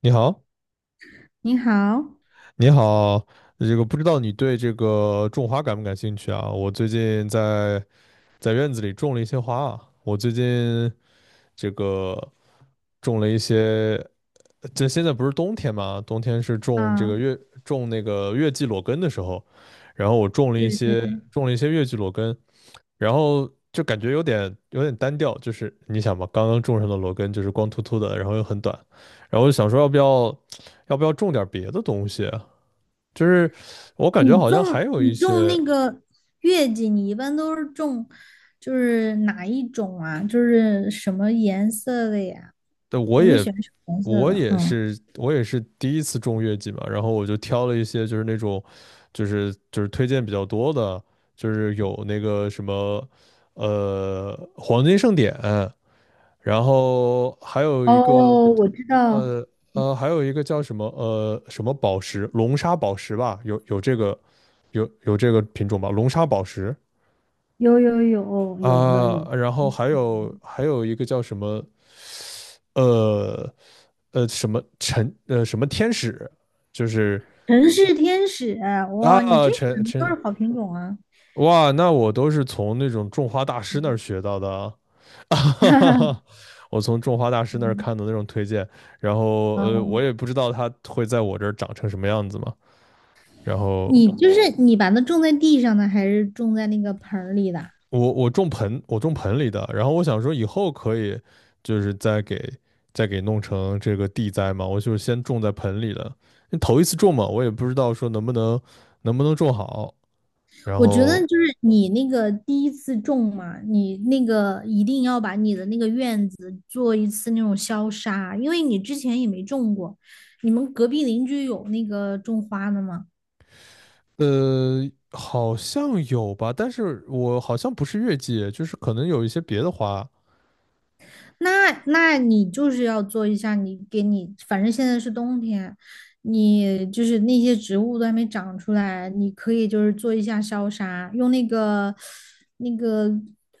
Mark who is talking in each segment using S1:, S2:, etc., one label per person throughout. S1: 你好，
S2: 你好，
S1: 你好，这个不知道你对这个种花感不感兴趣啊？我最近在院子里种了一些花啊，我最近这个种了一些，这现在不是冬天嘛，冬天是种这
S2: 啊，
S1: 个月种那个月季裸根的时候，然后我种了一
S2: 对对
S1: 些
S2: 对，
S1: 月季裸根，然后就感觉有点单调，就是你想嘛，刚刚种上的裸根就是光秃秃的，然后又很短，然后我就想说要不要要不要种点别的东西？就是我感
S2: 你
S1: 觉好
S2: 种
S1: 像还有
S2: 你
S1: 一
S2: 种
S1: 些，
S2: 那个月季，你一般都是种就是哪一种啊？就是什么颜色的呀？
S1: 对，我
S2: 你会
S1: 也
S2: 喜欢什么颜色的？嗯，
S1: 我也是第一次种月季嘛，然后我就挑了一些就是那种就是推荐比较多的，就是有那个什么黄金盛典，然后还有一个
S2: 哦，我知道，
S1: 呃还有一个叫什么什么宝石龙沙宝石吧，有这个有这个品种吧，龙沙宝石
S2: 有有有有的
S1: 啊，
S2: 有，
S1: 然后还有一个叫什么。呃什么陈什么天使，就是
S2: 城市天使，哇，你
S1: 啊
S2: 这选
S1: 陈
S2: 的都是
S1: 陈
S2: 好品种啊！
S1: 哇，那我都是从那种种花大师那儿 学到的啊，
S2: 哈哈，
S1: 我从种花大师那儿看的那种推荐，然后我
S2: 嗯，
S1: 也不知道它会在我这儿长成什么样子嘛，然后
S2: 你就是你把它种在地上的，还是种在那个盆儿里的？
S1: 我种盆，我种盆里的，然后我想说以后可以就是再给弄成这个地栽嘛，我就是先种在盆里的，头一次种嘛，我也不知道说能不能种好，然
S2: 我觉得
S1: 后
S2: 就是你那个第一次种嘛，你那个一定要把你的那个院子做一次那种消杀，因为你之前也没种过。你们隔壁邻居有那个种花的吗？
S1: 好像有吧，但是我好像不是月季，就是可能有一些别的花
S2: 那你就是要做一下，你给你，反正现在是冬天，你就是那些植物都还没长出来，你可以就是做一下消杀，用那个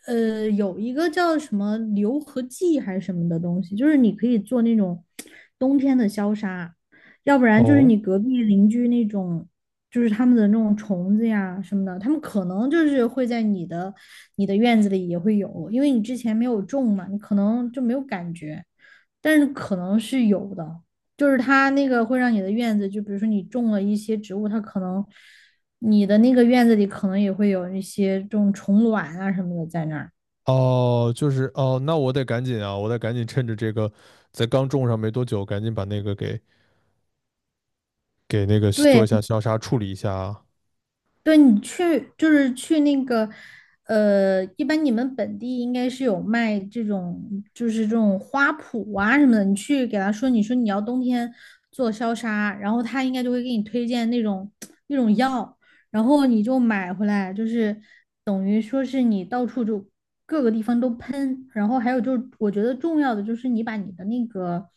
S2: 有一个叫什么硫合剂还是什么的东西，就是你可以做那种冬天的消杀。要不然就是
S1: 哦，
S2: 你隔壁邻居那种，就是他们的那种虫子呀什么的，他们可能就是会在你的院子里也会有，因为你之前没有种嘛，你可能就没有感觉，但是可能是有的，就是它那个会让你的院子，就比如说你种了一些植物，它可能你的那个院子里可能也会有一些这种虫卵啊什么的在那儿。
S1: 哦，就是哦，那我得赶紧啊，我得赶紧趁着这个在刚种上没多久，赶紧把那个给做一
S2: 对，
S1: 下消杀处理一下啊，
S2: 对你去就是去那个，一般你们本地应该是有卖这种，就是这种花圃啊什么的。你去给他说，你说你要冬天做消杀，然后他应该就会给你推荐那种 那种药，然后你就买回来，就是等于说是你到处就各个地方都喷。然后还有就是，我觉得重要的就是你把你的那个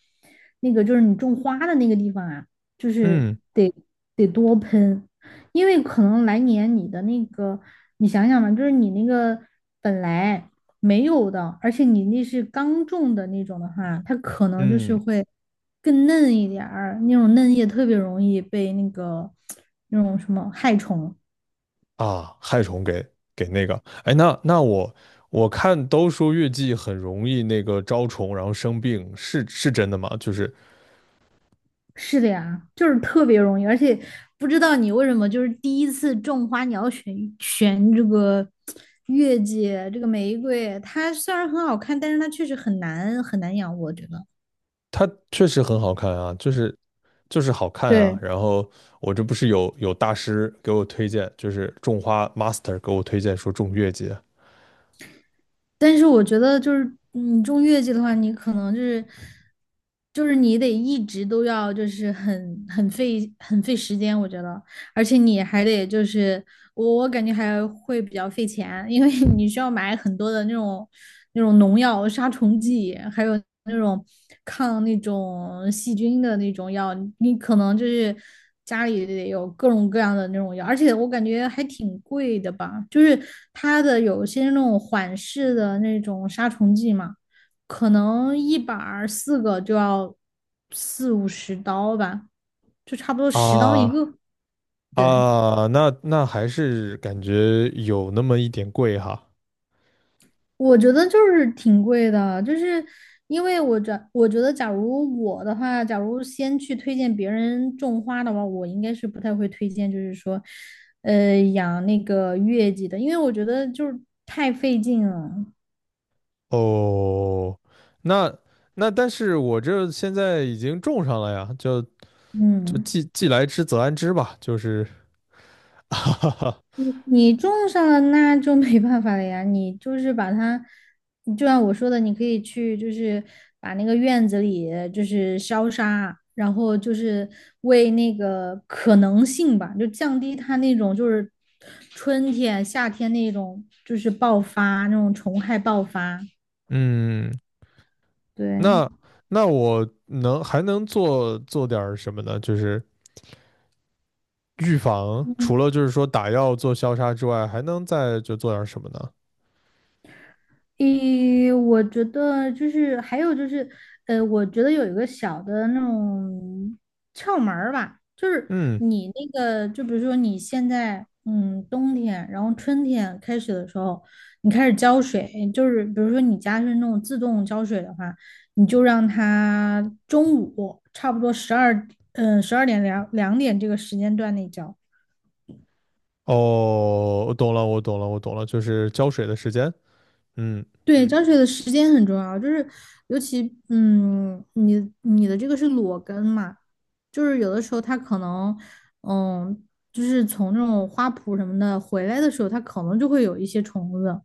S2: 那个就是你种花的那个地方啊，就是
S1: 嗯
S2: 得多喷。因为可能来年你的那个，你想想吧，就是你那个本来没有的，而且你那是刚种的那种的话，它可能就是
S1: 嗯。
S2: 会更嫩一点儿，那种嫩叶特别容易被那个那种什么害虫。
S1: 啊，害虫给给那个，哎，那那我看都说月季很容易那个招虫，然后生病，是是真的吗？就是
S2: 是的呀，就是特别容易，而且不知道你为什么就是第一次种花，你要选这个月季，这个玫瑰，它虽然很好看，但是它确实很难很难养，我觉得。
S1: 它确实很好看啊，就是就是好看啊。
S2: 对
S1: 然后我这不是有大师给我推荐，就是种花 master 给我推荐说种月季啊
S2: 但是我觉得就是你种月季的话，你可能就是你得一直都要就是很费很费时间，我觉得。而且你还得就是我感觉还会比较费钱，因为你需要买很多的那种农药、杀虫剂，还有那种抗那种细菌的那种药，你可能就是家里得有各种各样的那种药，而且我感觉还挺贵的吧，就是它的有些那种缓释的那种杀虫剂嘛，可能一板儿四个就要四五十刀吧，就差不多十刀一
S1: 啊，
S2: 个，对。
S1: 啊那那还是感觉有那么一点贵哈。
S2: 我觉得就是挺贵的，就是因为我觉得，假如我的话，假如先去推荐别人种花的话，我应该是不太会推荐，就是说，养那个月季的，因为我觉得就是太费劲了。
S1: 哦，那那但是我这现在已经种上了呀，就就
S2: 嗯。
S1: 既来之则安之吧，就是 哈哈，
S2: 你种上了，那就没办法了呀。你就是把它，你就像我说的，你可以去，就是把那个院子里就是消杀，然后就是为那个可能性吧，就降低它那种就是春天、夏天那种就是爆发那种虫害爆发。
S1: 嗯，
S2: 对，
S1: 那那我能还能做做点什么呢？就是预防，除了就是说打药做消杀之外，还能再就做点什么呢？
S2: 诶，我觉得就是还有就是，我觉得有一个小的那种窍门儿吧，就是
S1: 嗯，
S2: 你那个，就比如说你现在，冬天，然后春天开始的时候，你开始浇水，就是比如说你家是那种自动浇水的话，你就让它中午差不多12点两点这个时间段内浇。
S1: 哦，我懂了，就是浇水的时间。嗯，
S2: 对，浇水的时间很重要，就是尤其你你的这个是裸根嘛，就是有的时候它可能嗯，就是从这种花圃什么的回来的时候，它可能就会有一些虫子，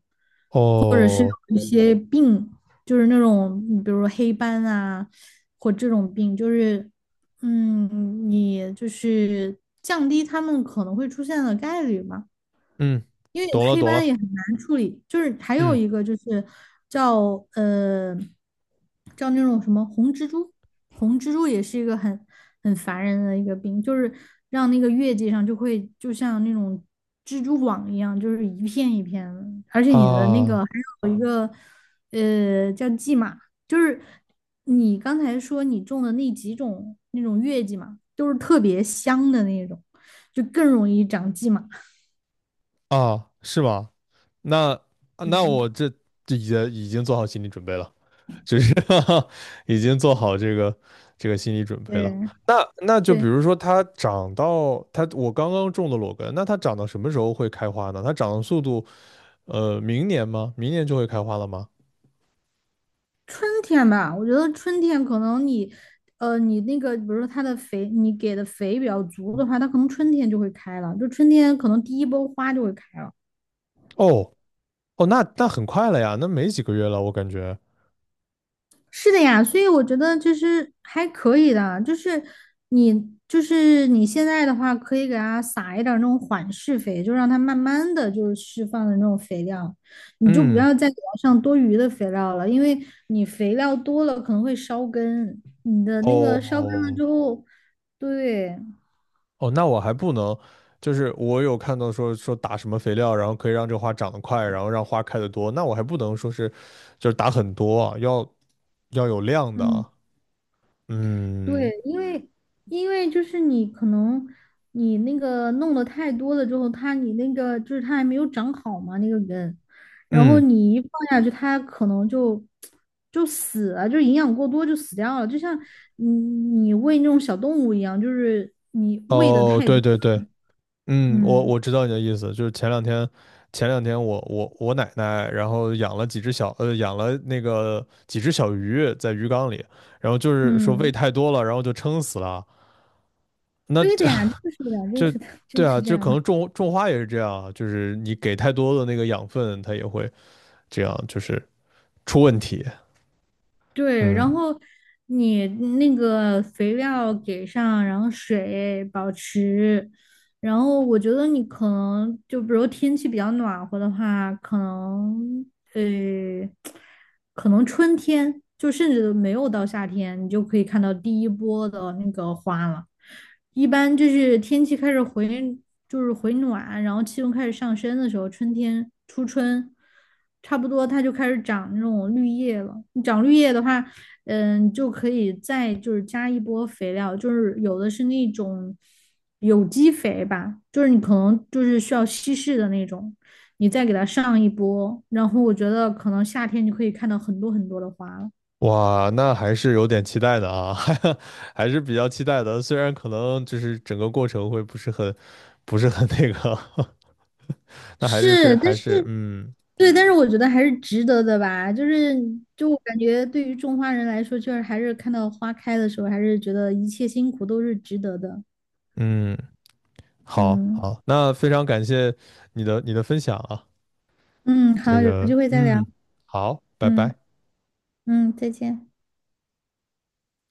S1: 哦，
S2: 一些病，就是那种比如说黑斑啊，或这种病，就是你就是降低它们可能会出现的概率嘛。
S1: 嗯，
S2: 因为
S1: 懂了，
S2: 黑斑也很难处理，就是还有
S1: 嗯
S2: 一个就是叫呃叫那种什么红蜘蛛，红蜘蛛也是一个很烦人的一个病，就是让那个月季上就会就像那种蜘蛛网一样，就是一片一片的，而且你的那个还
S1: 啊
S2: 有一个叫蓟马，就是你刚才说你种的那几种那种月季嘛，都是特别香的那种，就更容易长蓟马。
S1: 啊，是吗？那那我
S2: 嗯，
S1: 这已经做好心理准备了。就是 已经做好这个心理准备了。
S2: 对。
S1: 那那就比
S2: 对，
S1: 如说它长到我刚刚种的裸根，那它长到什么时候会开花呢？它长的速度，呃，明年吗？明年就会开花了吗？
S2: 春天吧，我觉得春天可能你那个，比如说它的肥，你给的肥比较足的话，它可能春天就会开了，就春天可能第一波花就会开了。
S1: 哦哦，那那很快了呀，那没几个月了，我感觉。
S2: 是的呀，所以我觉得就是还可以的，就是你现在的话，可以给它撒一点儿那种缓释肥，就让它慢慢的就是释放的那种肥料，你就不
S1: 嗯，
S2: 要再给它上多余的肥料了，因为你肥料多了可能会烧根，你的那个烧根了
S1: 哦
S2: 之后，对，
S1: 哦，那我还不能，就是我有看到说打什么肥料，然后可以让这花长得快，然后让花开得多，那我还不能说是就是打很多啊，要有量的
S2: 嗯。
S1: 啊。嗯
S2: 对，因为就是你可能你那个弄的太多了之后，它你那个就是它还没有长好嘛那个根，然后
S1: 嗯，
S2: 你一放下去，它可能就死了，就营养过多就死掉了，就像你喂那种小动物一样，就是你喂的
S1: 哦，
S2: 太
S1: 对
S2: 多，
S1: 对对，嗯，我
S2: 嗯
S1: 知道你的意思，就是前两天，前两天我奶奶，然后养了几只小，养了那个几只小鱼在鱼缸里，然后就是说喂
S2: 嗯，
S1: 太多了，然后就撑死了。那
S2: 对
S1: 这
S2: 的呀，就是的呀，就
S1: 这
S2: 是的，
S1: 对
S2: 就
S1: 啊，
S2: 是这
S1: 就
S2: 样
S1: 可
S2: 的。
S1: 能种花也是这样啊就是你给太多的那个养分，它也会这样，就是出问题。
S2: 对，然
S1: 嗯
S2: 后你那个肥料给上，然后水保持，然后我觉得你可能就比如天气比较暖和的话，呃，可能春天就甚至都没有到夏天，你就可以看到第一波的那个花了。一般就是天气开始就是回暖，然后气温开始上升的时候，春天初春，差不多它就开始长那种绿叶了。长绿叶的话，就可以再就是加一波肥料，就是有的是那种有机肥吧，就是你可能就是需要稀释的那种，你再给它上一波，然后我觉得可能夏天就可以看到很多很多的花了。
S1: 哇，那还是有点期待的啊，还还是比较期待的。虽然可能就是整个过程会不是很，不是很那个，那还是非
S2: 是，但
S1: 还
S2: 是
S1: 是嗯
S2: 对，但是我觉得还是值得的吧。就是，就我感觉对于种花人来说，就是还是看到花开的时候，还是觉得一切辛苦都是值得的。
S1: 嗯，好
S2: 嗯
S1: 好，那非常感谢你的分享啊，
S2: 嗯，
S1: 这
S2: 好，有
S1: 个
S2: 机会再聊。
S1: 嗯，好，拜
S2: 嗯
S1: 拜。
S2: 嗯，再见。